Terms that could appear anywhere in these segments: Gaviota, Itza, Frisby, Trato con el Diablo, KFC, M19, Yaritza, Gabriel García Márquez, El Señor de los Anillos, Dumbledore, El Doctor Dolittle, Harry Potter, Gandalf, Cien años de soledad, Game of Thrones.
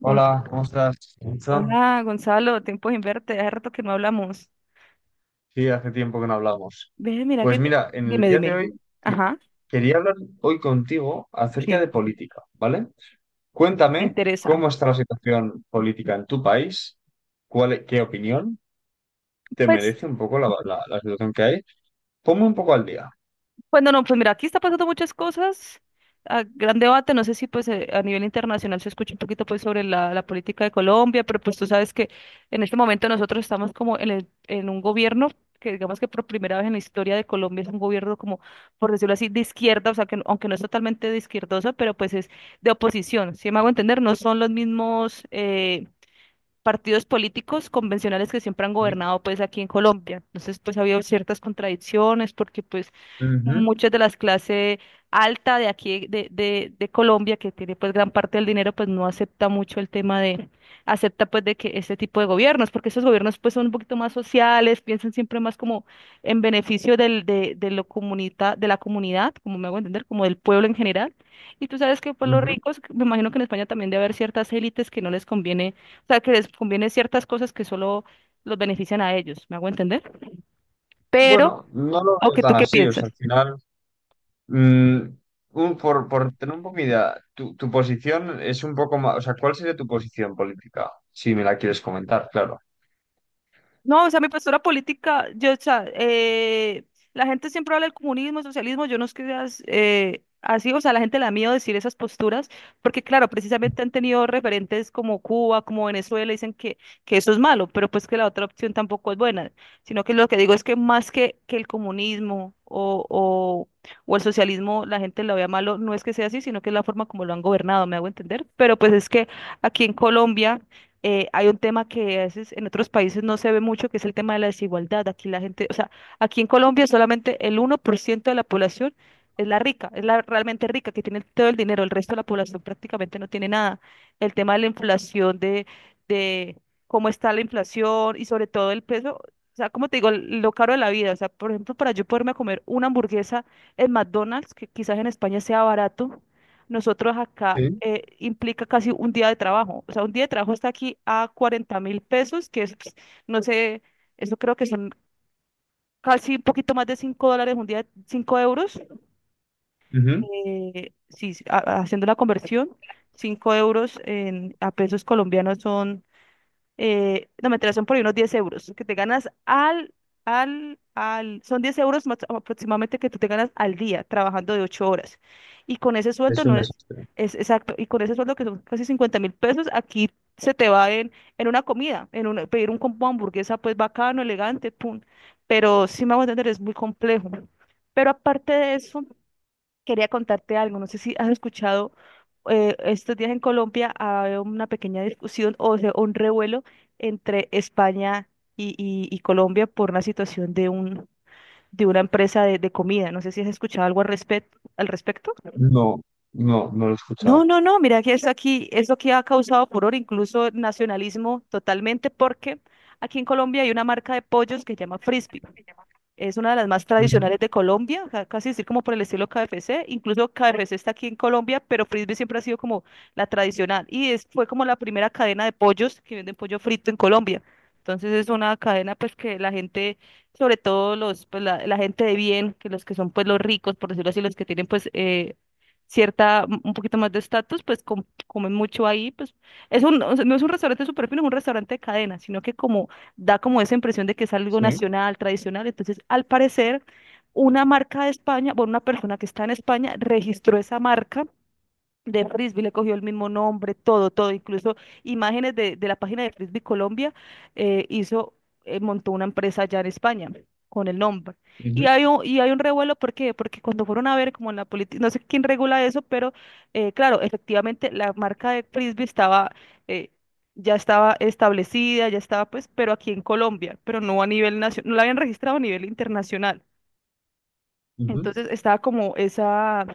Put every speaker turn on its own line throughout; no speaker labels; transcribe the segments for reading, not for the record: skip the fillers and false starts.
Hola,
Gon-
¿cómo estás? Itza?
Hola, Gonzalo, tiempo sin verte, hace rato que no hablamos.
Sí, hace tiempo que no hablamos.
Ve, mira
Pues
que te-
mira, en el
Dime,
día de
dime.
hoy sí,
Ajá,
quería hablar hoy contigo acerca de
sí,
política, ¿vale?
me
Cuéntame
interesa.
cómo está la situación política en tu país, qué opinión te
Pues
merece un poco la situación que hay. Ponme un poco al día.
Bueno, no, pues mira, aquí está pasando muchas cosas. Gran debate, no sé si pues a nivel internacional se escucha un poquito pues sobre la política de Colombia, pero pues tú sabes que en este momento nosotros estamos como en un gobierno que digamos que por primera vez en la historia de Colombia es un gobierno como, por decirlo así, de izquierda, o sea, que no, aunque no es totalmente de izquierdosa, pero pues es de oposición, si me hago entender, no son los mismos partidos políticos convencionales que siempre han
¿Sí?
gobernado pues aquí en Colombia. Entonces pues ha habido ciertas contradicciones porque pues
Ujú,
muchas de las clases alta de aquí de Colombia, que tiene pues gran parte del dinero, pues no acepta mucho el tema de, acepta pues de que este tipo de gobiernos, porque esos gobiernos pues son un poquito más sociales, piensan siempre más como en beneficio de lo comunita, de la comunidad, como me hago entender, como del pueblo en general. Y tú sabes que pues los
ujú.
ricos, me imagino que en España también debe haber ciertas élites que no les conviene, o sea, que les conviene ciertas cosas que solo los benefician a ellos, ¿me hago entender? Pero,
Bueno, no lo
¿o
veo
que
tan
tú qué
así, o sea, al
piensas?
final Mm, por tener un poco mi idea, tu posición es un poco más, o sea, ¿cuál sería tu posición política? Si me la quieres comentar, claro.
No, o sea, mi postura política, yo, o sea, la gente siempre habla del comunismo, socialismo, yo no es que seas así, o sea, la gente le da miedo decir esas posturas, porque claro, precisamente han tenido referentes como Cuba, como Venezuela, dicen que eso es malo, pero pues que la otra opción tampoco es buena, sino que lo que digo es que más que el comunismo o el socialismo, la gente lo vea malo, no es que sea así, sino que es la forma como lo han gobernado, me hago entender, pero pues es que aquí en Colombia hay un tema que a veces en otros países no se ve mucho, que es el tema de la desigualdad. Aquí la gente, o sea, aquí en Colombia solamente el 1% de la población es la rica, es la realmente rica, que tiene todo el dinero, el resto de la población prácticamente no tiene nada. El tema de la inflación, de cómo está la inflación y sobre todo el peso, o sea, como te digo, lo caro de la vida. O sea, por ejemplo, para yo poderme comer una hamburguesa en McDonald's, que quizás en España sea barato, nosotros acá
Sí.
implica casi un día de trabajo. O sea, un día de trabajo está aquí a 40.000 pesos, que es, no sé, eso creo que son casi un poquito más de $5, un día 5 euros.
Ujú.
Sí, sí, haciendo la conversión, 5 euros a pesos colombianos son no, mentira, son por ahí unos 10 euros que te ganas al, son 10 euros más aproximadamente que tú te ganas al día trabajando de 8 horas. Y con ese sueldo
Es un
no es,
desastre.
es exacto, y con ese sueldo que son casi 50.000 pesos, aquí se te va en una comida, en una- pedir un combo de hamburguesa, pues bacano, elegante, pum. Pero sí me voy a entender, es muy complejo. Pero aparte de eso, quería contarte algo, no sé si has escuchado estos días en Colombia hay una pequeña discusión o sea, un revuelo entre España y Colombia por una situación de un de una empresa de comida. No sé si has escuchado algo al respecto, al respecto.
No, no, no lo he
No,
escuchado.
no, no, mira que eso aquí es lo que ha causado furor, incluso nacionalismo totalmente, porque aquí en Colombia hay una marca de pollos que se llama Frisby. Es una de las más
Ujú.
tradicionales de Colombia, casi decir como por el estilo KFC. Incluso KFC está aquí en Colombia, pero Frisbee siempre ha sido como la tradicional. Y es, fue como la primera cadena de pollos que venden pollo frito en Colombia. Entonces es una cadena pues que la gente, sobre todo los, pues, la gente de bien, que los que son pues los ricos, por decirlo así, los que tienen pues cierta, un poquito más de estatus, pues comen mucho ahí. Pues es un, o sea, no es un restaurante súper fino, es un restaurante de cadena, sino que como da como esa impresión de que es algo
Sí.
nacional, tradicional. Entonces, al parecer, una marca de España, bueno, una persona que está en España registró esa marca de Frisbee, le cogió el mismo nombre, todo, todo, incluso imágenes de la página de Frisbee Colombia, hizo, montó una empresa allá en España con el nombre.
Ujú,
Y hay un revuelo, ¿por qué? Porque cuando fueron a ver, como en la política, no sé quién regula eso, pero claro, efectivamente la marca de Frisbee estaba, eh, ya estaba establecida, ya estaba pues, pero aquí en Colombia, pero no a nivel nacional, no la habían registrado a nivel internacional.
ujú.
Entonces estaba como esa,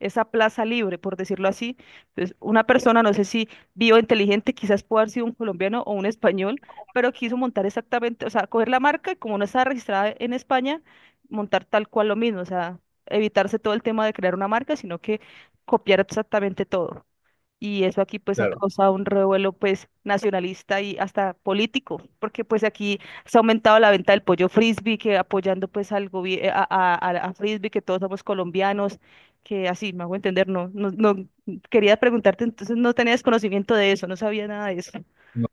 esa plaza libre, por decirlo así. Entonces, una persona, no sé si vivo inteligente, quizás puede haber sido un colombiano o un español, pero quiso montar exactamente, o sea, coger la marca y como no está registrada en España, montar tal cual lo mismo, o sea, evitarse todo el tema de crear una marca, sino que copiar exactamente todo. Y eso aquí pues ha
Claro.
causado un revuelo pues nacionalista y hasta político, porque pues aquí se ha aumentado la venta del pollo frisbee, que apoyando pues al gobierno, a frisbee, que todos somos colombianos, que así, me hago entender, no, no, no, quería preguntarte, entonces no tenías conocimiento de eso, no sabía nada de eso.
No,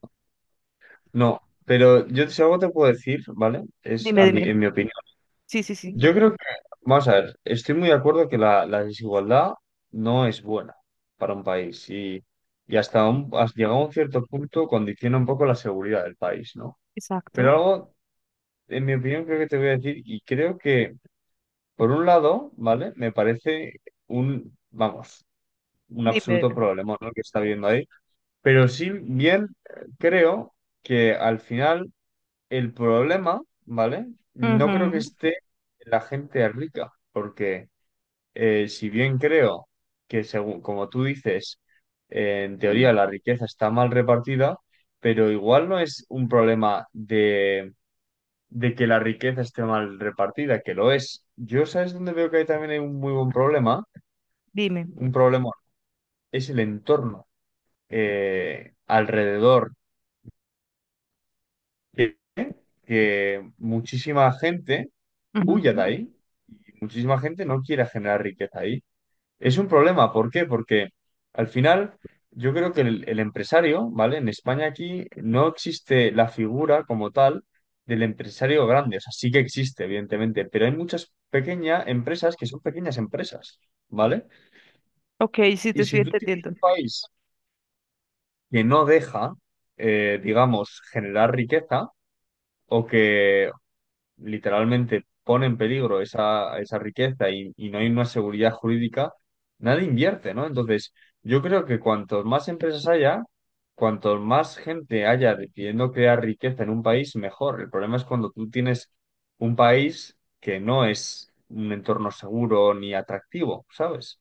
no, pero yo si algo te puedo decir, ¿vale? Es
Dime,
a mí,
dime.
en mi opinión.
Sí, sí, sí.
Yo creo que, vamos a ver, estoy muy de acuerdo que la desigualdad no es buena para un país y hasta, un, has llegado a un cierto punto condiciona un poco la seguridad del país, ¿no? Pero
Exacto.
algo, en mi opinión, creo que te voy a decir, y creo que, por un lado, ¿vale? Me parece un, vamos, un
Dime,
absoluto
dime.
problema, ¿no? Que está viendo ahí, pero sí bien creo que al final el problema, ¿vale? No creo que
Ujú.
esté en la gente rica, porque si bien creo que, según como tú dices, en teoría la riqueza está mal repartida, pero igual no es un problema de que la riqueza esté mal repartida, que lo es. Yo, ¿sabes dónde veo que hay también hay un muy buen problema?
Dime.
Un problema es el entorno alrededor, que, que muchísima gente huya de
Ujú.
ahí y muchísima gente no quiere generar riqueza ahí. Es un problema, ¿por qué? Porque al final yo creo que el empresario, ¿vale? En España aquí no existe la figura como tal del empresario grande, o sea, sí que existe, evidentemente, pero hay muchas pequeñas empresas que son pequeñas empresas, ¿vale?
Ok, sí,
Y
te estoy
si tú tienes
entendiendo.
un país que no deja, digamos, generar riqueza o que, literalmente pone en peligro esa riqueza y no hay una seguridad jurídica, nadie invierte, ¿no? Entonces, yo creo que cuantos más empresas haya, cuanto más gente haya decidiendo crear riqueza en un país, mejor. El problema es cuando tú tienes un país que no es un entorno seguro ni atractivo, ¿sabes?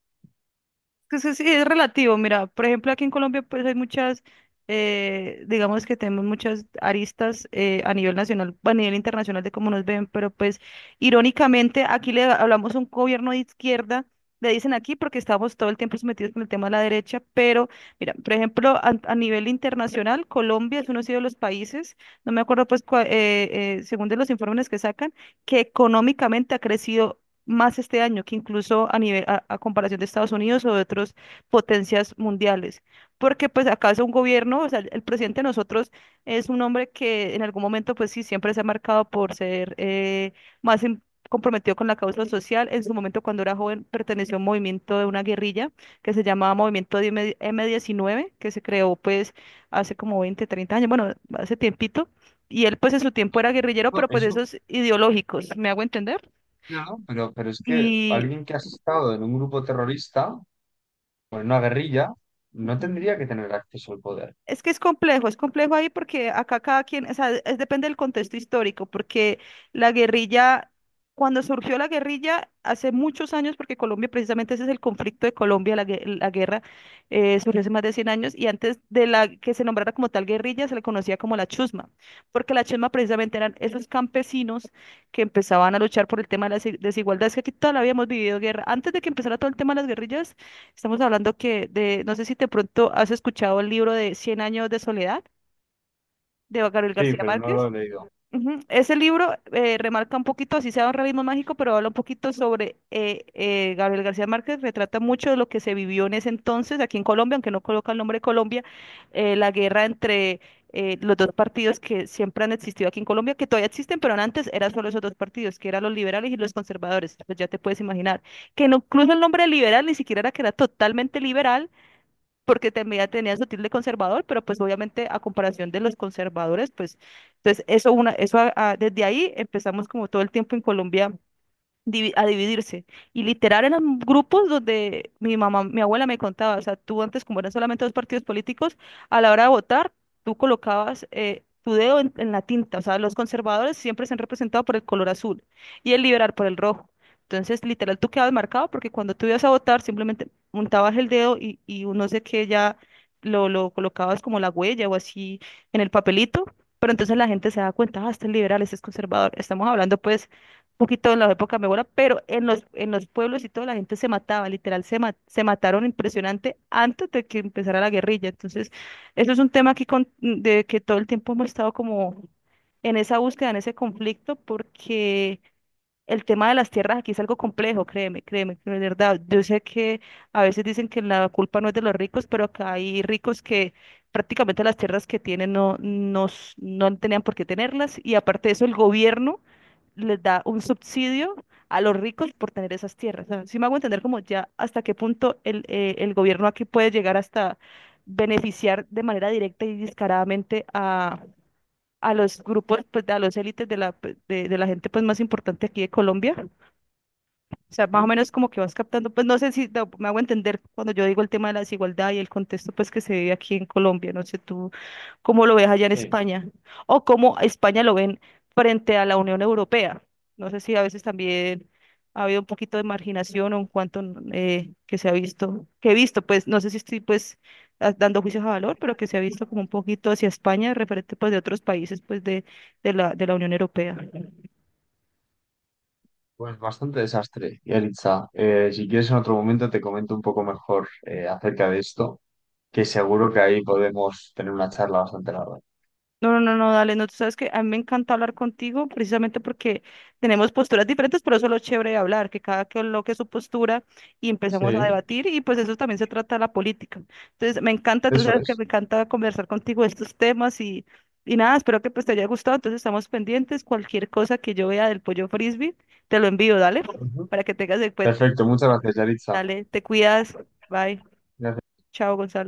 Pues sí es relativo, mira, por ejemplo, aquí en Colombia pues hay muchas, digamos que tenemos muchas aristas a nivel nacional, a nivel internacional de cómo nos ven, pero pues irónicamente aquí le hablamos a un gobierno de izquierda, le dicen aquí porque estamos todo el tiempo sometidos con el tema de la derecha, pero mira, por ejemplo, a nivel internacional, Colombia es uno de los países, no me acuerdo pues según de los informes que sacan, que económicamente ha crecido más este año que incluso a nivel a comparación de Estados Unidos o de otras potencias mundiales. Porque pues acá es un gobierno, o sea, el presidente de nosotros es un hombre que en algún momento pues sí, siempre se ha marcado por ser más comprometido con la causa social. En su momento cuando era joven perteneció a un movimiento de una guerrilla que se llamaba M19, que se creó pues hace como 20, 30 años, bueno, hace tiempito. Y él pues en su tiempo era guerrillero,
No,
pero pues de
eso,
esos ideológicos, ¿me hago entender?
claro, pero es que
Y,
alguien que ha estado en un grupo terrorista o en una guerrilla no
ujú.
tendría que tener acceso al poder.
Es que es complejo ahí porque acá cada quien, o sea, es, depende del contexto histórico, porque la guerrilla, cuando surgió la guerrilla hace muchos años, porque Colombia, precisamente ese es el conflicto de Colombia, la guerra surgió hace más de 100 años, y antes de la que se nombrara como tal guerrilla, se le conocía como la chusma, porque la chusma precisamente eran esos campesinos que empezaban a luchar por el tema de las desigualdades, que aquí todavía habíamos vivido guerra. Antes de que empezara todo el tema de las guerrillas, estamos hablando que de, no sé si de pronto has escuchado el libro de Cien años de soledad de Gabriel
Sí,
García
pero no lo
Márquez.
he leído.
Ujú. Ese libro remarca un poquito, así sea un realismo mágico, pero habla un poquito sobre Gabriel García Márquez, retrata mucho de lo que se vivió en ese entonces aquí en Colombia, aunque no coloca el nombre de Colombia, la guerra entre los dos partidos que siempre han existido aquí en Colombia, que todavía existen, pero antes eran solo esos dos partidos, que eran los liberales y los conservadores, pues ya te puedes imaginar, que incluso el nombre liberal ni siquiera era que era totalmente liberal porque también tenía su tilde conservador, pero pues obviamente a comparación de los conservadores, pues entonces eso una, eso desde ahí empezamos como todo el tiempo en Colombia a dividirse. Y literal eran grupos donde mi mamá, mi abuela me contaba, o sea, tú antes como eran solamente dos partidos políticos, a la hora de votar, tú colocabas tu dedo en la tinta, o sea, los conservadores siempre se han representado por el color azul y el liberal por el rojo. Entonces, literal, tú quedabas marcado porque cuando tú ibas a votar, simplemente montabas el dedo y un no sé qué ya lo colocabas como la huella o así en el papelito. Pero entonces la gente se da cuenta, ah, este es liberal, este es conservador. Estamos hablando pues poquito en la época de mi abuela, pero en los pueblos y toda la gente se mataba, literal, se mataron impresionante antes de que empezara la guerrilla. Entonces, eso es un tema que, de que todo el tiempo hemos estado como en esa búsqueda, en ese conflicto, porque el tema de las tierras aquí es algo complejo, créeme, créeme, de verdad. Yo sé que a veces dicen que la culpa no es de los ricos, pero acá hay ricos que prácticamente las tierras que tienen no, no, no tenían por qué tenerlas y aparte de eso, el gobierno les da un subsidio a los ricos por tener esas tierras. Si me hago entender como ya hasta qué punto el gobierno aquí puede llegar hasta beneficiar de manera directa y descaradamente a los grupos, pues, a los élites de de la gente pues, más importante aquí de Colombia, o sea, más o
Ujú.
menos como que vas captando, pues no sé si me hago entender cuando yo digo el tema de la desigualdad y el contexto pues que se vive aquí en Colombia, no sé tú cómo lo ves allá en
Sí,
España o cómo a España lo ven frente a la Unión Europea. No sé si a veces también ha habido un poquito de marginación o en cuanto que se ha visto, que he visto, pues no sé si estoy pues dando juicios a valor, pero que se ha visto como un poquito hacia España referente pues de otros países pues de de la Unión Europea.
pues bastante desastre, Yaritza. Si quieres en otro momento te comento un poco mejor acerca de esto, que seguro que ahí podemos tener una charla bastante larga.
No, no, no, no, dale, no, tú sabes que a mí me encanta hablar contigo precisamente porque tenemos posturas diferentes, pero eso es lo chévere de hablar, que cada que coloque su postura y empezamos a
Sí,
debatir y pues eso también se trata de la política. Entonces, me encanta, tú
eso
sabes que
es.
me encanta conversar contigo de estos temas y nada, espero que pues te haya gustado, entonces estamos pendientes, cualquier cosa que yo vea del pollo frisbee, te lo envío, dale,
Ujú.
para que tengas en cuenta.
Perfecto, muchas gracias, Yaritza.
Dale, te cuidas, bye, chao, Gonzalo.